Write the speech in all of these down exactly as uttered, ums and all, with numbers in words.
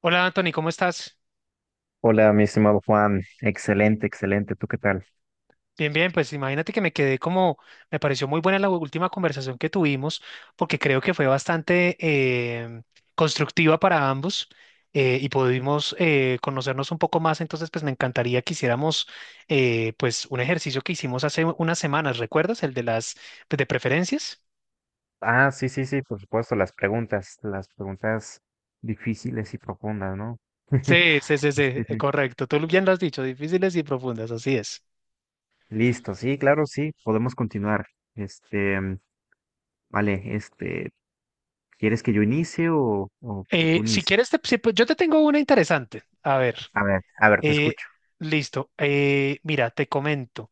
Hola Anthony, ¿cómo estás? Hola, mi estimado Juan. Excelente, excelente. ¿Tú qué tal? Bien, bien, pues imagínate que me quedé como, me pareció muy buena la última conversación que tuvimos, porque creo que fue bastante em, constructiva para ambos. Eh, y pudimos eh, conocernos un poco más, entonces pues me encantaría que hiciéramos eh, pues un ejercicio que hicimos hace unas semanas, ¿recuerdas? El de las pues, de preferencias. Ah, sí, sí, sí, por supuesto, las preguntas, las preguntas difíciles y profundas, ¿no? Sí, sí, sí, sí, Sí, eh, sí. correcto, tú bien lo has dicho, difíciles y profundas, así es. Listo, sí, claro, sí, podemos continuar. Este, mm, vale, este, ¿quieres que yo inicie o, o Eh, tú Si quieres, inicies? te- si- pues, yo te tengo una interesante, a ver. A ver, a ver, te Eh, escucho. Listo. Eh, mira, te comento.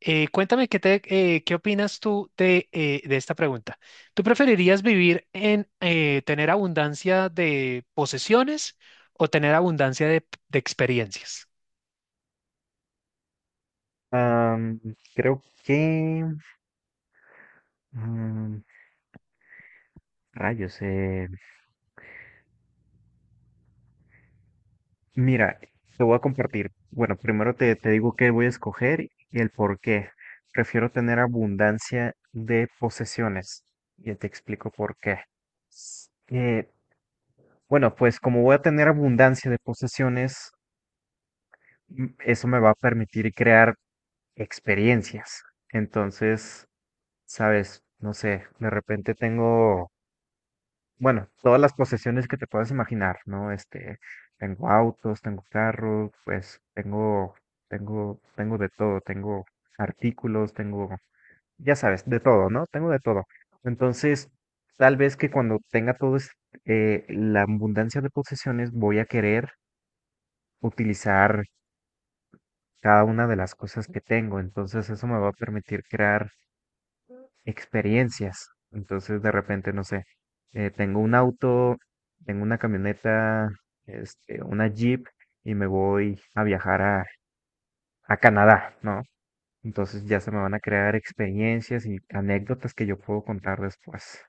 Eh, cuéntame qué te, eh, qué opinas tú de, eh, de esta pregunta. ¿Tú preferirías vivir en eh, tener abundancia de posesiones o tener abundancia de, de experiencias? Am, creo que... am, rayos, eh, mira, te voy a compartir. Bueno, primero te, te digo qué voy a escoger y el por qué. Prefiero tener abundancia de posesiones. Ya te explico por qué. S- eh, bueno, pues como voy a tener abundancia de posesiones, m- eso me va a permitir crear experiencias. Entonces, sabes, no sé, de repente tengo bueno, todas las posesiones que te puedas imaginar, ¿no? Este, tengo autos, tengo carros, pues tengo, tengo, tengo de todo, tengo artículos, tengo, ya sabes, de todo, ¿no? Tengo de todo. Entonces, tal vez que cuando tenga todo es- eh, la abundancia de posesiones, voy a querer utilizar cada una de las cosas que tengo. Entonces, eso me va a permitir crear experiencias. Entonces, de repente, no sé, eh, tengo un auto, tengo una camioneta, este, una Jeep y me voy a viajar a, a Canadá, ¿no? Entonces ya se me van a crear experiencias y anécdotas que yo puedo contar después.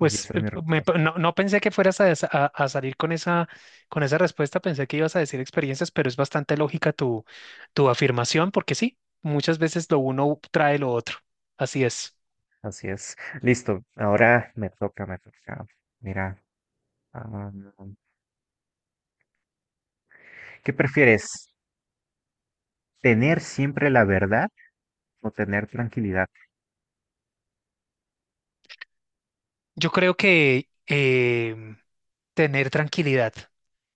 Y esa es eh, mi me pa- respuesta. no, no pensé que fueras a, des- a- a salir con esa, con esa respuesta, pensé que ibas a decir experiencias, pero es bastante lógica tu, tu afirmación, porque sí, muchas veces lo uno trae lo otro. Así es. Así es. Listo. Ahora me toca, me toca. Mira, ah, ¿qué prefieres? ¿Tener siempre la verdad o tener tranquilidad? Yo creo que em, tener tranquilidad,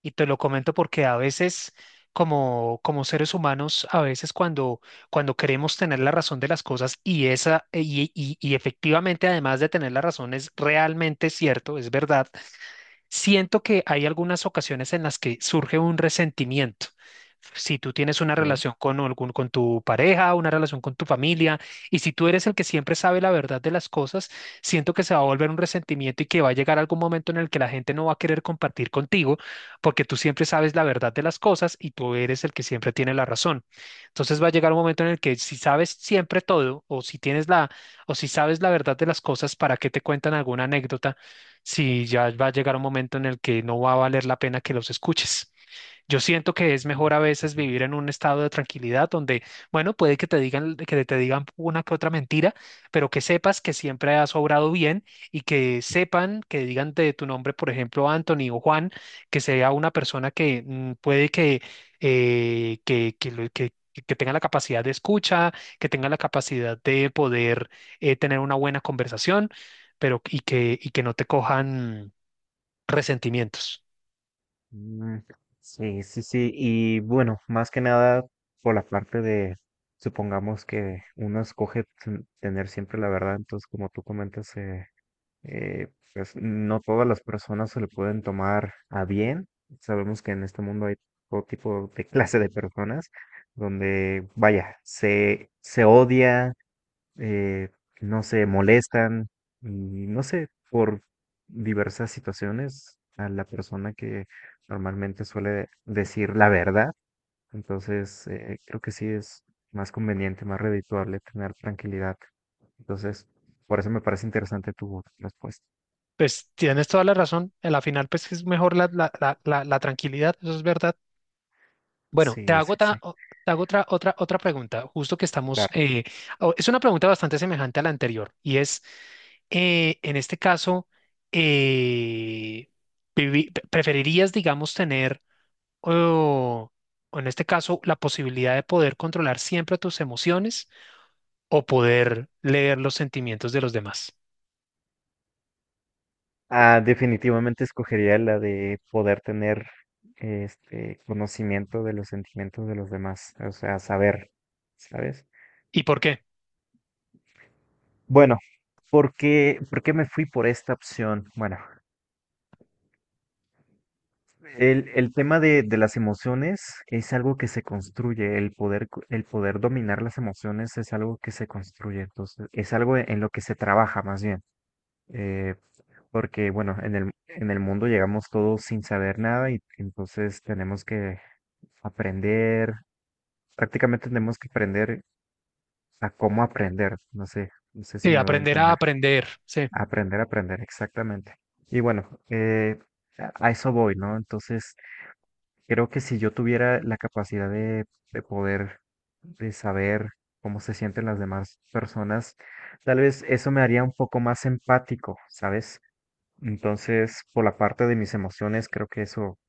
y te lo comento porque a veces, como, como seres humanos, a veces cuando, cuando queremos tener la razón de las cosas y esa, y, y y efectivamente, además de tener la razón, es realmente cierto, es verdad. Siento que hay algunas ocasiones en las que surge un resentimiento. Si tú tienes una ¿Eh? relación con algún, con tu pareja, una relación con tu familia, y si tú eres el que siempre sabe la verdad de las cosas, siento que se va a volver un resentimiento y que va a llegar algún momento en el que la gente no va a querer compartir contigo porque tú siempre sabes la verdad de las cosas y tú eres el que siempre tiene la razón. Entonces va a llegar un momento en el que si sabes siempre todo o si tienes la o si sabes la verdad de las cosas, ¿para qué te cuentan alguna anécdota? Si ya va a llegar un momento en el que no va a valer la pena que los escuches. Yo siento que es mejor a veces Ujú. vivir en un estado de tranquilidad donde, bueno, puede que te digan, que te digan una que otra mentira, pero que sepas que siempre has obrado bien y que sepan, que digan de tu nombre, por ejemplo, Anthony o Juan, que sea una persona que mm, puede que, eh, que, que, lo- que- que tenga la capacidad de escucha, que tenga la capacidad de poder eh, tener una buena conversación, pero y que, y que no te cojan resentimientos. Mm, sí, sí, sí. Y bueno, más que nada por la parte de, supongamos que uno escoge ten- tener siempre la verdad, entonces como tú comentas, eh, eh, pues no todas las personas se lo pueden tomar a bien. Sabemos que en este mundo hay todo tipo de clase de personas donde, vaya, se, se odia, eh, no sé, molestan, y no sé, por diversas situaciones a la persona que normalmente suele decir la verdad. Entonces, eh, creo que sí es más conveniente, más redituable tener tranquilidad. Entonces, por eso me parece interesante tu respuesta. Pues tienes toda la razón. En la final, pues es mejor la, la, la, la, la tranquilidad, eso es verdad. Bueno, te Sí, hago, sí, ta- sí, o- te hago otra, otra, otra pregunta, justo que estamos. claro. Eh, o- es una pregunta bastante semejante a la anterior, y es, eh, en este caso, eh, vivi- pre- ¿preferirías, digamos, tener, o o en este caso, la posibilidad de poder controlar siempre tus emociones o poder leer los sentimientos de los demás? Ah, definitivamente escogería la de poder tener este conocimiento de los sentimientos de los demás, o sea, saber, ¿sabes? ¿Y por qué? Bueno, ¿por qué, por qué me fui por esta opción? Bueno, el, el tema de, de las emociones es algo que se construye, el poder, co- el poder dominar las emociones es algo que se construye, entonces es algo en lo que se trabaja más bien, eh, porque bueno, en el, en el mundo llegamos todos sin saber nada y entonces tenemos que aprender, prácticamente tenemos que aprender a cómo aprender, no sé, no sé si Sí, me doy a aprender a entender. aprender, sí. Aprender, aprender, exactamente. Y bueno, eh, a a eso voy, ¿no? Entonces, creo que si yo tuviera la capacidad de, de poder, de saber cómo se sienten las demás personas, tal vez eso me haría un poco más empático, ¿sabes? Entonces, por la parte de mis emociones, creo que eso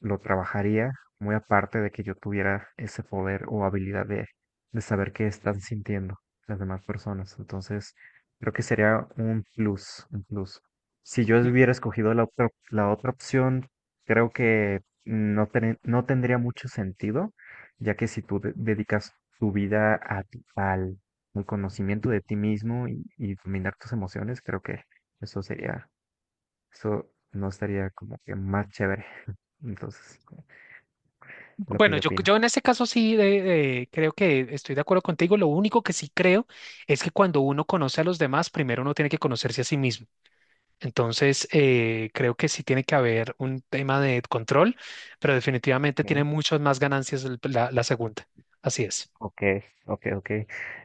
lo trabajaría muy aparte de que yo tuviera ese poder o habilidad de, de saber qué están sintiendo las demás personas. Entonces, creo que sería un plus, un plus. Si yo hubiera escogido la otra, la otra opción, creo que no, ten- no tendría mucho sentido, ya que si tú de- dedicas tu vida a ti- al, al conocimiento de ti mismo y, y dominar tus emociones, creo que eso sería, eso no estaría como que más chévere. Entonces lo que Bueno, yo yo, opino. yo en este caso sí eh, eh, creo que estoy de acuerdo contigo. Lo único que sí creo es que cuando uno conoce a los demás, primero uno tiene que conocerse a sí mismo. Entonces, eh, creo que sí tiene que haber un tema de control, pero definitivamente tiene ¿No? muchas más ganancias el- la, la segunda. Así es. Ok, ok, ok,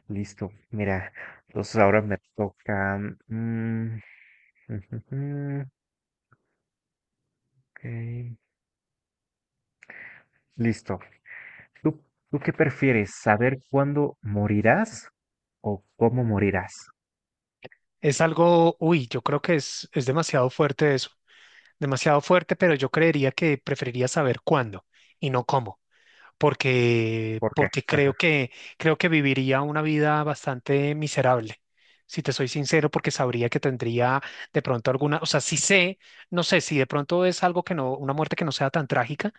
listo. Mira, entonces ahora me toca. mm, ok, listo. ¿Tú, tú qué prefieres? ¿Saber cuándo morirás o cómo morirás? Es algo, uy, yo creo que es, es demasiado fuerte eso, demasiado fuerte, pero yo creería que preferiría saber cuándo y no cómo. Porque, ¿Por qué? porque Ajá. creo que, creo que viviría una vida bastante miserable. Si te soy sincero, porque sabría que tendría de pronto alguna, o sea, si sé, no sé, si de pronto es algo que no, una muerte que no sea tan trágica,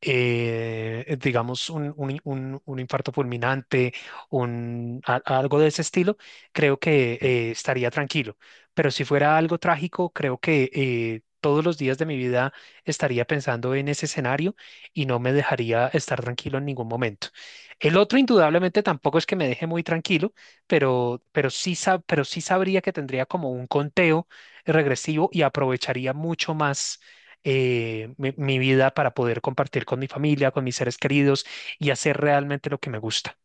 eh, eh, digamos, un, un- un- un infarto fulminante, un, a- algo de ese estilo, creo que eh, estaría tranquilo. Pero si fuera algo trágico, creo que eh, todos los días de mi vida estaría pensando en ese escenario y no me dejaría estar tranquilo en ningún momento. El otro, indudablemente, tampoco es que me deje muy tranquilo, pero, pero sí, sab- pero sí sabría que tendría como un conteo regresivo y aprovecharía mucho más eh, mi, mi vida para poder compartir con mi familia, con mis seres queridos y hacer realmente lo que me gusta,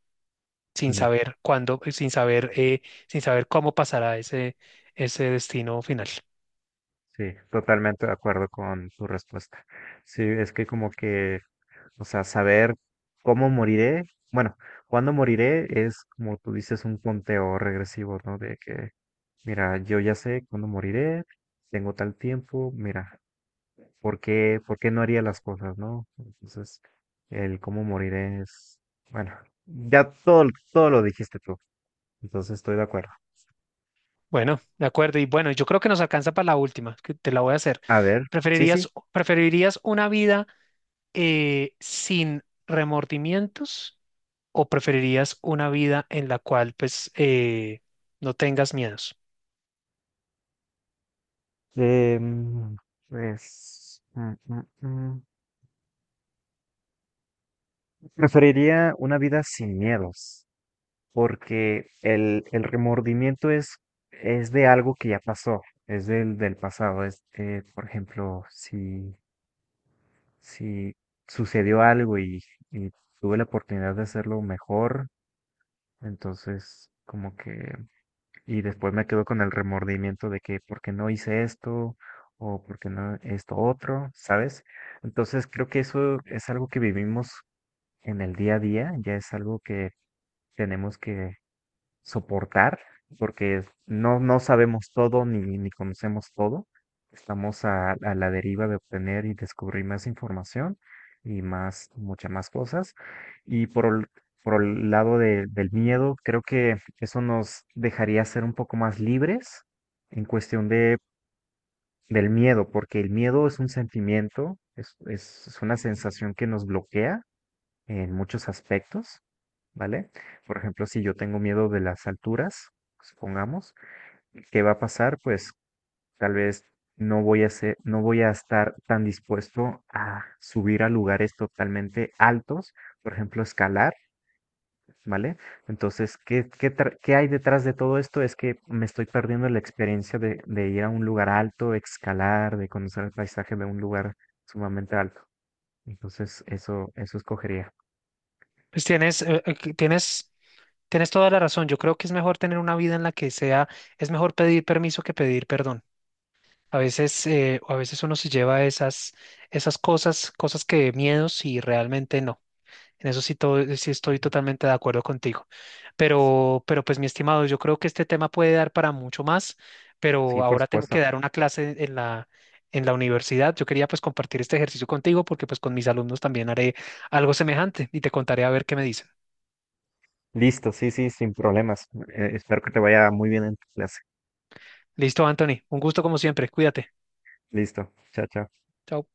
sin Ok. saber cuándo, eh, sin saber, eh, sin saber cómo pasará ese, ese destino final. Sí, totalmente de acuerdo con tu respuesta. Sí, es que como que, o sea, saber cómo moriré, bueno, cuándo moriré es como tú dices un conteo regresivo, ¿no? De que, mira, yo ya sé cuándo moriré, tengo tal tiempo, mira, ¿por qué, por qué no haría las cosas, ¿no? Entonces, el cómo moriré es, bueno, ya todo, todo lo dijiste tú, entonces estoy de acuerdo. Bueno, de acuerdo. Y bueno, yo creo que nos alcanza para la última, que te la voy a hacer. A ver, sí, ¿Preferirías, sí. preferirías una vida eh, sin remordimientos o preferirías una vida en la cual pues eh, no tengas miedos? Em, pues, mm, mm, mm, preferiría una vida sin miedos, porque el, el remordimiento es, es de algo que ya pasó, es del, del pasado. Es, eh, por ejemplo, si, si sucedió algo y, y tuve la oportunidad de hacerlo mejor, entonces como que y después me quedo con el remordimiento de que por qué no hice esto o por qué no esto otro, ¿sabes? Entonces creo que eso es algo que vivimos en el día a día, ya es algo que tenemos que soportar, porque no, no sabemos todo ni, ni conocemos todo. Estamos a, a la deriva de obtener y descubrir más información y más, muchas más cosas. Y por el, por el lado de- del miedo, creo que eso nos dejaría ser un poco más libres en cuestión de, del miedo, porque el miedo es un sentimiento, es, es es una sensación que nos bloquea en muchos aspectos, ¿vale? Por ejemplo, si yo tengo miedo de las alturas, supongamos, ¿qué va a pasar? Pues tal vez no voy a ser, no voy a estar tan dispuesto a subir a lugares totalmente altos, por ejemplo, escalar, ¿vale? Entonces, ¿qué, qué, tra- qué hay detrás de todo esto? Es que me estoy perdiendo la experiencia de, de ir a un lugar alto, escalar, de conocer el paisaje de un lugar sumamente alto. Entonces, eso, eso escogería. Pues tienes, eh, eh, que tienes Tienes toda la razón. Yo creo que es mejor tener una vida en la que sea, es mejor pedir permiso que pedir perdón. A veces, eh, o a veces uno se lleva esas, esas cosas, cosas que miedos y realmente no. En eso sí, todo, sí estoy totalmente de acuerdo contigo. Pero, pero pues mi estimado, yo creo que este tema puede dar para mucho más, pero Sí, por ahora tengo supuesto. que dar una clase en la, en la universidad. Yo quería pues compartir este ejercicio contigo porque pues con mis alumnos también haré algo semejante y te contaré a ver qué me dicen. Listo, sí, sí, sin problemas. Eh, espero que te vaya muy bien en tu clase. Listo, Anthony. Un gusto como siempre. Cuídate. Listo, chao, chao. Chao.